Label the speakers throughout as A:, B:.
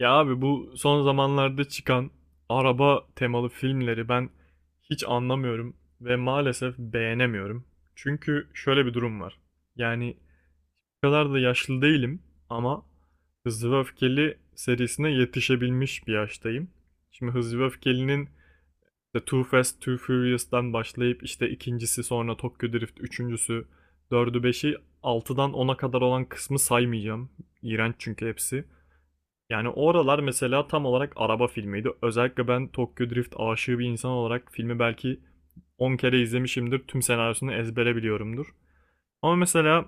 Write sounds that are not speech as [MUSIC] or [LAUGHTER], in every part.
A: Ya abi bu son zamanlarda çıkan araba temalı filmleri ben hiç anlamıyorum ve maalesef beğenemiyorum. Çünkü şöyle bir durum var. Yani o kadar da yaşlı değilim ama Hızlı ve Öfkeli serisine yetişebilmiş bir yaştayım. Şimdi Hızlı ve Öfkeli'nin işte Too Fast, Too Furious'tan başlayıp işte ikincisi sonra Tokyo Drift, üçüncüsü, dördü, beşi, altıdan ona kadar olan kısmı saymayacağım. İğrenç çünkü hepsi. Yani oralar mesela tam olarak araba filmiydi. Özellikle ben Tokyo Drift aşığı bir insan olarak filmi belki 10 kere izlemişimdir. Tüm senaryosunu ezbere biliyorumdur. Ama mesela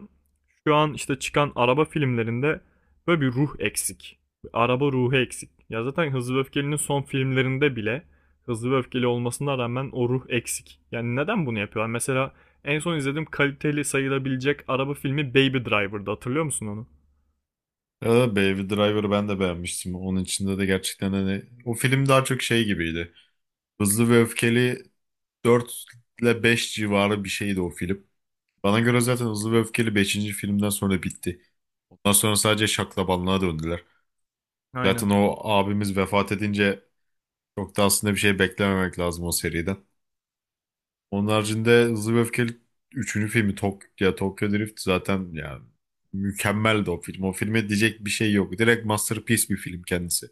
A: şu an işte çıkan araba filmlerinde böyle bir ruh eksik. Bir Araba ruhu eksik. Ya zaten Hızlı ve Öfkeli'nin son filmlerinde bile Hızlı ve Öfkeli olmasına rağmen o ruh eksik. Yani neden bunu yapıyorlar? Mesela en son izlediğim kaliteli sayılabilecek araba filmi Baby Driver'dı. Hatırlıyor musun onu?
B: Ya da Baby Driver'ı ben de beğenmiştim. Onun içinde de gerçekten hani o film daha çok şey gibiydi. Hızlı ve Öfkeli 4 ile 5 civarı bir şeydi o film. Bana göre zaten Hızlı ve Öfkeli beşinci filmden sonra bitti. Ondan sonra sadece şaklabanlığa döndüler.
A: Aynen.
B: Zaten o abimiz vefat edince çok da aslında bir şey beklememek lazım o seriden. Onun haricinde Hızlı ve Öfkeli üçüncü filmi Tok ya Tokyo Drift zaten yani mükemmeldi o film. O filme diyecek bir şey yok. Direkt masterpiece bir film kendisi.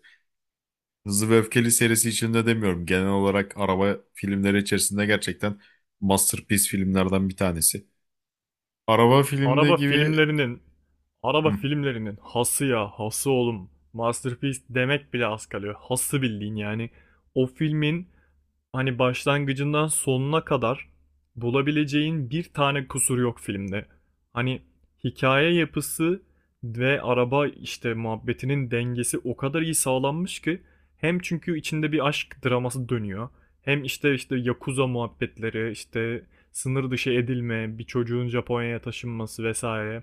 B: Hızlı ve Öfkeli serisi içinde demiyorum. Genel olarak araba filmleri içerisinde gerçekten masterpiece filmlerden bir tanesi. Araba filmi
A: Araba
B: gibi.
A: filmlerinin, araba
B: Hı.
A: filmlerinin hası ya, hası oğlum. Masterpiece demek bile az kalıyor. Hası bildiğin yani. O filmin hani başlangıcından sonuna kadar bulabileceğin bir tane kusur yok filmde. Hani hikaye yapısı ve araba işte muhabbetinin dengesi o kadar iyi sağlanmış ki hem çünkü içinde bir aşk draması dönüyor. Hem işte yakuza muhabbetleri, işte sınır dışı edilme, bir çocuğun Japonya'ya taşınması vesaire,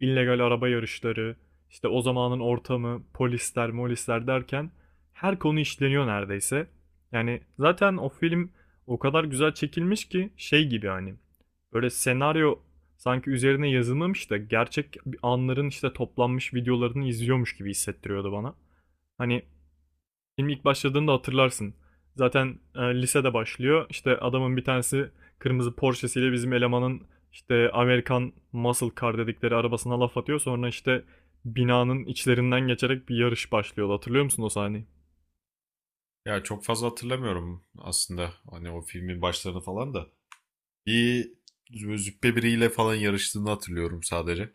A: illegal araba yarışları, işte o zamanın ortamı, polisler, molisler derken her konu işleniyor neredeyse. Yani zaten o film o kadar güzel çekilmiş ki şey gibi hani böyle senaryo sanki üzerine yazılmamış da gerçek anların işte toplanmış videolarını izliyormuş gibi hissettiriyordu bana. Hani film ilk başladığında hatırlarsın. Zaten lisede başlıyor. İşte adamın bir tanesi kırmızı Porsche'siyle bizim elemanın işte Amerikan Muscle Car dedikleri arabasına laf atıyor. Sonra işte binanın içlerinden geçerek bir yarış başlıyor. Hatırlıyor musun o sahneyi?
B: Ya çok fazla hatırlamıyorum aslında. Hani o filmin başlarını falan da. Bir züppe biriyle falan yarıştığını hatırlıyorum sadece.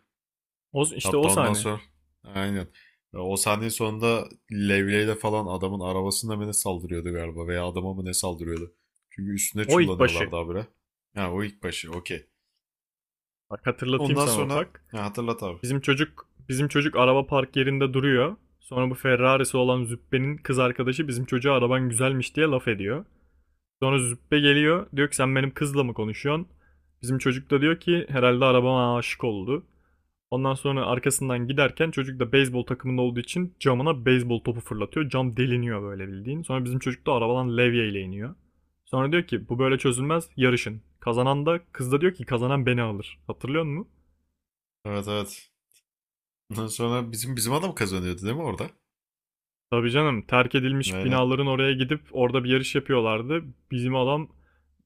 A: O, işte
B: Hatta
A: o
B: ondan
A: sahne.
B: sonra aynen. O sahne sonunda levyeyle falan adamın arabasına mı ne saldırıyordu galiba veya adama mı ne saldırıyordu. Çünkü üstüne
A: O ilk başı.
B: çullanıyorlardı abire. Ha o ilk başı okey.
A: Bak hatırlatayım
B: Ondan
A: sana
B: sonra
A: ufak.
B: ya hatırlat abi.
A: Bizim çocuk araba park yerinde duruyor. Sonra bu Ferrari'si olan Züppe'nin kız arkadaşı bizim çocuğa araban güzelmiş diye laf ediyor. Sonra Züppe geliyor. Diyor ki sen benim kızla mı konuşuyorsun? Bizim çocuk da diyor ki herhalde arabama aşık oldu. Ondan sonra arkasından giderken çocuk da beyzbol takımında olduğu için camına beyzbol topu fırlatıyor. Cam deliniyor böyle bildiğin. Sonra bizim çocuk da arabadan levyeyle iniyor. Sonra diyor ki bu böyle çözülmez yarışın. Kazanan da kız da diyor ki kazanan beni alır. Hatırlıyor musun?
B: Evet, evet. Ondan sonra bizim adam kazanıyordu değil mi orada?
A: Tabii canım terk edilmiş
B: Aynen.
A: binaların oraya gidip orada bir yarış yapıyorlardı. Bizim adam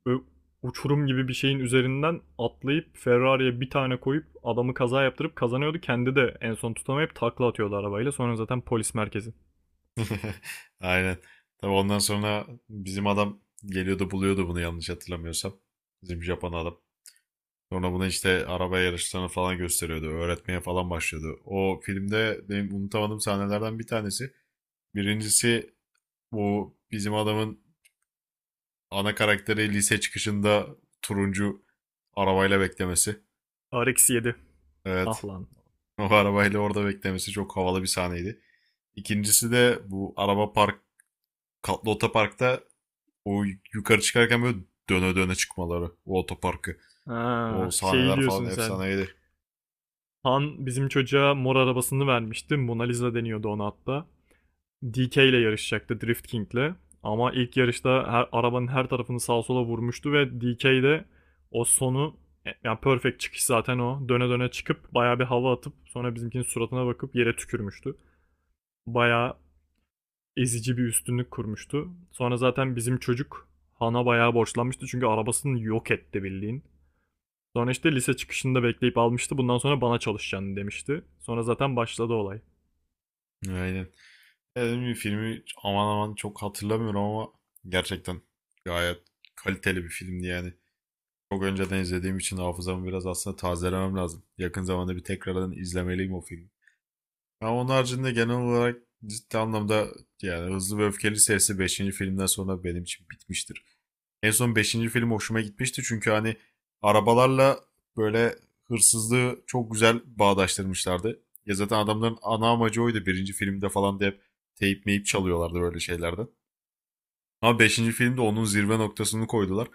A: ö- uçurum gibi bir şeyin üzerinden atlayıp Ferrari'ye bir tane koyup adamı kaza yaptırıp kazanıyordu. Kendi de en son tutamayıp takla atıyordu arabayla. Sonra zaten polis merkezi.
B: [LAUGHS] Aynen. Tabii ondan sonra bizim adam geliyordu buluyordu bunu yanlış hatırlamıyorsam. Bizim Japon adam. Sonra bunu işte araba yarışlarını falan gösteriyordu. Öğretmeye falan başlıyordu. O filmde benim unutamadığım sahnelerden bir tanesi. Birincisi bu bizim adamın ana karakteri lise çıkışında turuncu arabayla beklemesi.
A: RX-7. Ah
B: Evet.
A: lan.
B: O arabayla orada beklemesi çok havalı bir sahneydi. İkincisi de bu araba park, katlı otoparkta o yukarı çıkarken böyle döne döne çıkmaları o otoparkı. O
A: Ha, şey
B: sahneler
A: diyorsun
B: falan
A: sen.
B: efsaneydi.
A: Han bizim çocuğa mor arabasını vermişti. Mona Lisa deniyordu ona hatta. DK ile yarışacaktı Drift King'le. Ama ilk yarışta arabanın her tarafını sağa sola vurmuştu ve DK de o sonu yani perfect çıkış zaten o. Döne döne çıkıp bayağı bir hava atıp sonra bizimkinin suratına bakıp yere tükürmüştü. Bayağı ezici bir üstünlük kurmuştu. Sonra zaten bizim çocuk Han'a bayağı borçlanmıştı çünkü arabasını yok etti bildiğin. Sonra işte lise çıkışında bekleyip almıştı. Bundan sonra bana çalışacaksın demişti. Sonra zaten başladı olay.
B: Aynen. Ya dediğim filmi aman aman çok hatırlamıyorum ama gerçekten gayet kaliteli bir filmdi yani. Çok önceden izlediğim için hafızamı biraz aslında tazelemem lazım. Yakın zamanda bir tekrardan izlemeliyim o filmi. Ama onun haricinde genel olarak ciddi anlamda yani Hızlı ve Öfkeli serisi beşinci filmden sonra benim için bitmiştir. En son beşinci film hoşuma gitmişti çünkü hani arabalarla böyle hırsızlığı çok güzel bağdaştırmışlardı. Ya zaten adamların ana amacı oydu birinci filmde falan diye hep teyip meyip çalıyorlardı böyle şeylerden. Ama beşinci filmde onun zirve noktasını koydular.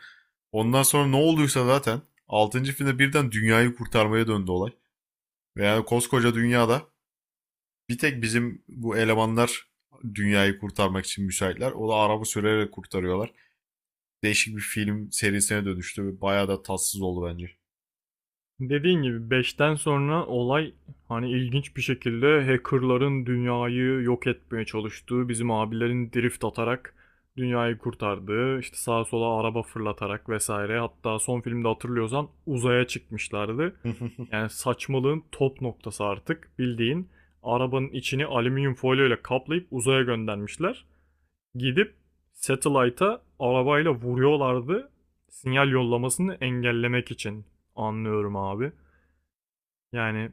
B: Ondan sonra ne olduysa zaten altıncı filmde birden dünyayı kurtarmaya döndü olay. Ve yani koskoca dünyada bir tek bizim bu elemanlar dünyayı kurtarmak için müsaitler. O da araba sürerek kurtarıyorlar. Değişik bir film serisine dönüştü ve bayağı da tatsız oldu bence.
A: Dediğin gibi beşten sonra olay hani ilginç bir şekilde hackerların dünyayı yok etmeye çalıştığı, bizim abilerin drift atarak dünyayı kurtardığı, işte sağa sola araba fırlatarak vesaire. Hatta son filmde hatırlıyorsan uzaya çıkmışlardı.
B: [LAUGHS]
A: Yani saçmalığın top noktası artık bildiğin arabanın içini alüminyum folyo ile kaplayıp uzaya göndermişler. Gidip satellite'a arabayla vuruyorlardı sinyal yollamasını engellemek için. Anlıyorum abi. Yani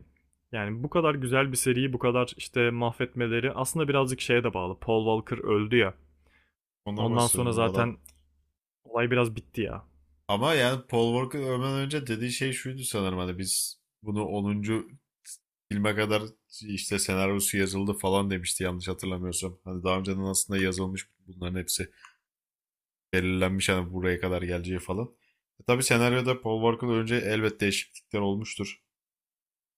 A: yani bu kadar güzel bir seriyi bu kadar işte mahvetmeleri aslında birazcık şeye de bağlı. Paul Walker öldü ya.
B: Ondan
A: Ondan sonra
B: bahsediyorum bu adam.
A: zaten olay biraz bitti ya.
B: Ama yani Paul Walker ölmeden önce dediği şey şuydu sanırım hani biz bunu onuncu filme kadar işte senaryosu yazıldı falan demişti yanlış hatırlamıyorsam. Hani daha önceden aslında yazılmış bunların hepsi belirlenmiş hani buraya kadar geleceği falan. E tabii senaryoda Paul Walker önce elbet değişiklikler olmuştur.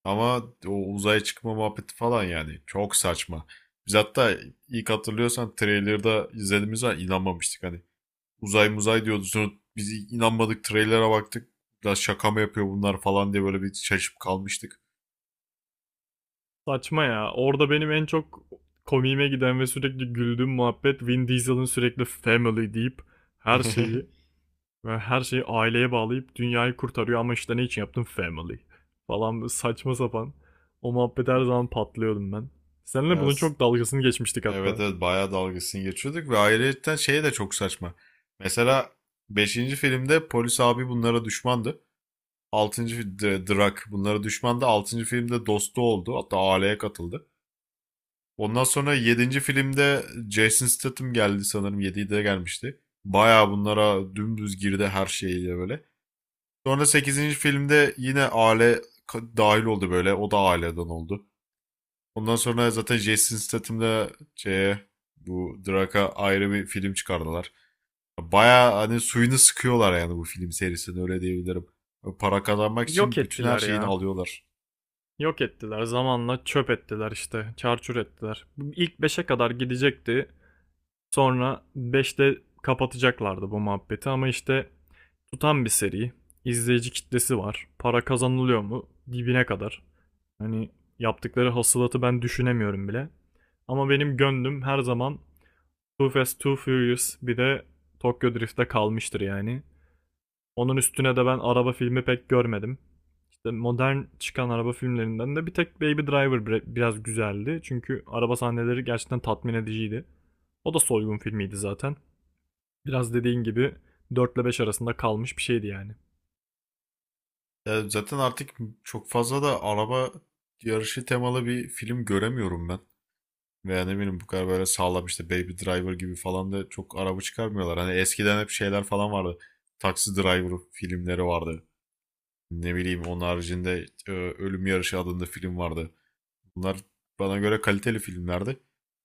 B: Ama o uzaya çıkma muhabbeti falan yani çok saçma. Biz hatta ilk hatırlıyorsan trailer'da izlediğimiz zaman inanmamıştık hani. Uzay muzay diyordu sonra biz inanmadık trailer'a baktık. Ya şaka mı yapıyor bunlar falan diye böyle bir şaşıp kalmıştık.
A: Saçma ya. Orada benim en çok komiğime giden ve sürekli güldüğüm muhabbet Vin Diesel'ın sürekli family deyip her şeyi
B: [LAUGHS]
A: her şeyi aileye bağlayıp dünyayı kurtarıyor ama işte ne için yaptım family falan saçma sapan. O muhabbet her zaman patlıyordum ben. Seninle
B: Ya
A: bunun
B: s-
A: çok dalgasını geçmiştik
B: evet,
A: hatta.
B: evet, bayağı dalgasını geçiyorduk ve ayrıca şey de çok saçma. Mesela beşinci filmde polis abi bunlara düşmandı. Altıncı Drak bunlara düşmandı. Altıncı filmde dostu oldu. Hatta aileye katıldı. Ondan sonra yedinci filmde Jason Statham geldi sanırım 7'de gelmişti. Bayağı bunlara dümdüz girdi her şeyiyle böyle. Sonra sekizinci filmde yine aile dahil oldu böyle. O da aileden oldu. Ondan sonra zaten Jason Statham'da şeye bu Drak'a ayrı bir film çıkardılar. Bayağı hani suyunu sıkıyorlar yani bu film serisini öyle diyebilirim. Para kazanmak
A: Yok
B: için bütün her
A: ettiler
B: şeyini
A: ya.
B: alıyorlar.
A: Yok ettiler. Zamanla çöp ettiler işte. Çarçur ettiler. İlk beşe kadar gidecekti. Sonra beşte kapatacaklardı bu muhabbeti ama işte tutan bir seri. İzleyici kitlesi var. Para kazanılıyor mu? Dibine kadar. Hani yaptıkları hasılatı ben düşünemiyorum bile. Ama benim gönlüm her zaman Too Fast Too Furious bir de Tokyo Drift'te kalmıştır yani. Onun üstüne de ben araba filmi pek görmedim. İşte modern çıkan araba filmlerinden de bir tek Baby Driver biraz güzeldi. Çünkü araba sahneleri gerçekten tatmin ediciydi. O da soygun filmiydi zaten. Biraz dediğin gibi 4 ile 5 arasında kalmış bir şeydi yani.
B: Ya zaten artık çok fazla da araba yarışı temalı bir film göremiyorum ben. Veya ne bileyim bu kadar böyle sağlam işte Baby Driver gibi falan da çok araba çıkarmıyorlar. Hani eskiden hep şeyler falan vardı. Taxi Driver filmleri vardı. Ne bileyim onun haricinde Ölüm Yarışı adında film vardı. Bunlar bana göre kaliteli filmlerdi.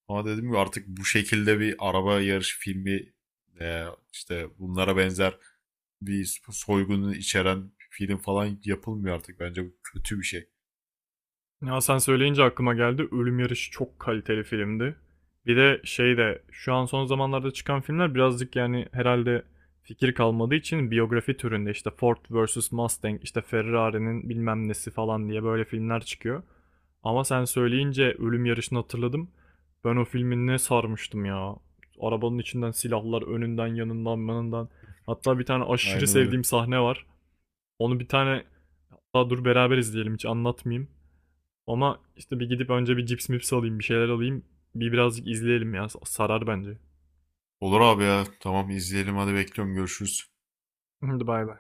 B: Ama dedim ki artık bu şekilde bir araba yarışı filmi, e, işte bunlara benzer bir soygunu içeren film falan yapılmıyor artık. Bence bu kötü bir şey.
A: Ya sen söyleyince aklıma geldi. Ölüm Yarışı çok kaliteli filmdi. Bir de şey de şu an son zamanlarda çıkan filmler birazcık yani herhalde fikir kalmadığı için biyografi türünde işte Ford vs Mustang, işte Ferrari'nin bilmem nesi falan diye böyle filmler çıkıyor. Ama sen söyleyince Ölüm Yarışı'nı hatırladım. Ben o filmi ne sarmıştım ya. Arabanın içinden silahlar önünden yanından yanından. Hatta bir tane aşırı
B: Aynen öyle.
A: sevdiğim sahne var. Onu bir tane daha dur beraber izleyelim hiç anlatmayayım. Ama işte bir gidip önce bir cips mips alayım, bir şeyler alayım. Birazcık izleyelim ya. Sarar bence. [LAUGHS]
B: Olur abi ya. Tamam, izleyelim hadi, bekliyorum. Görüşürüz.
A: Hadi bay bay.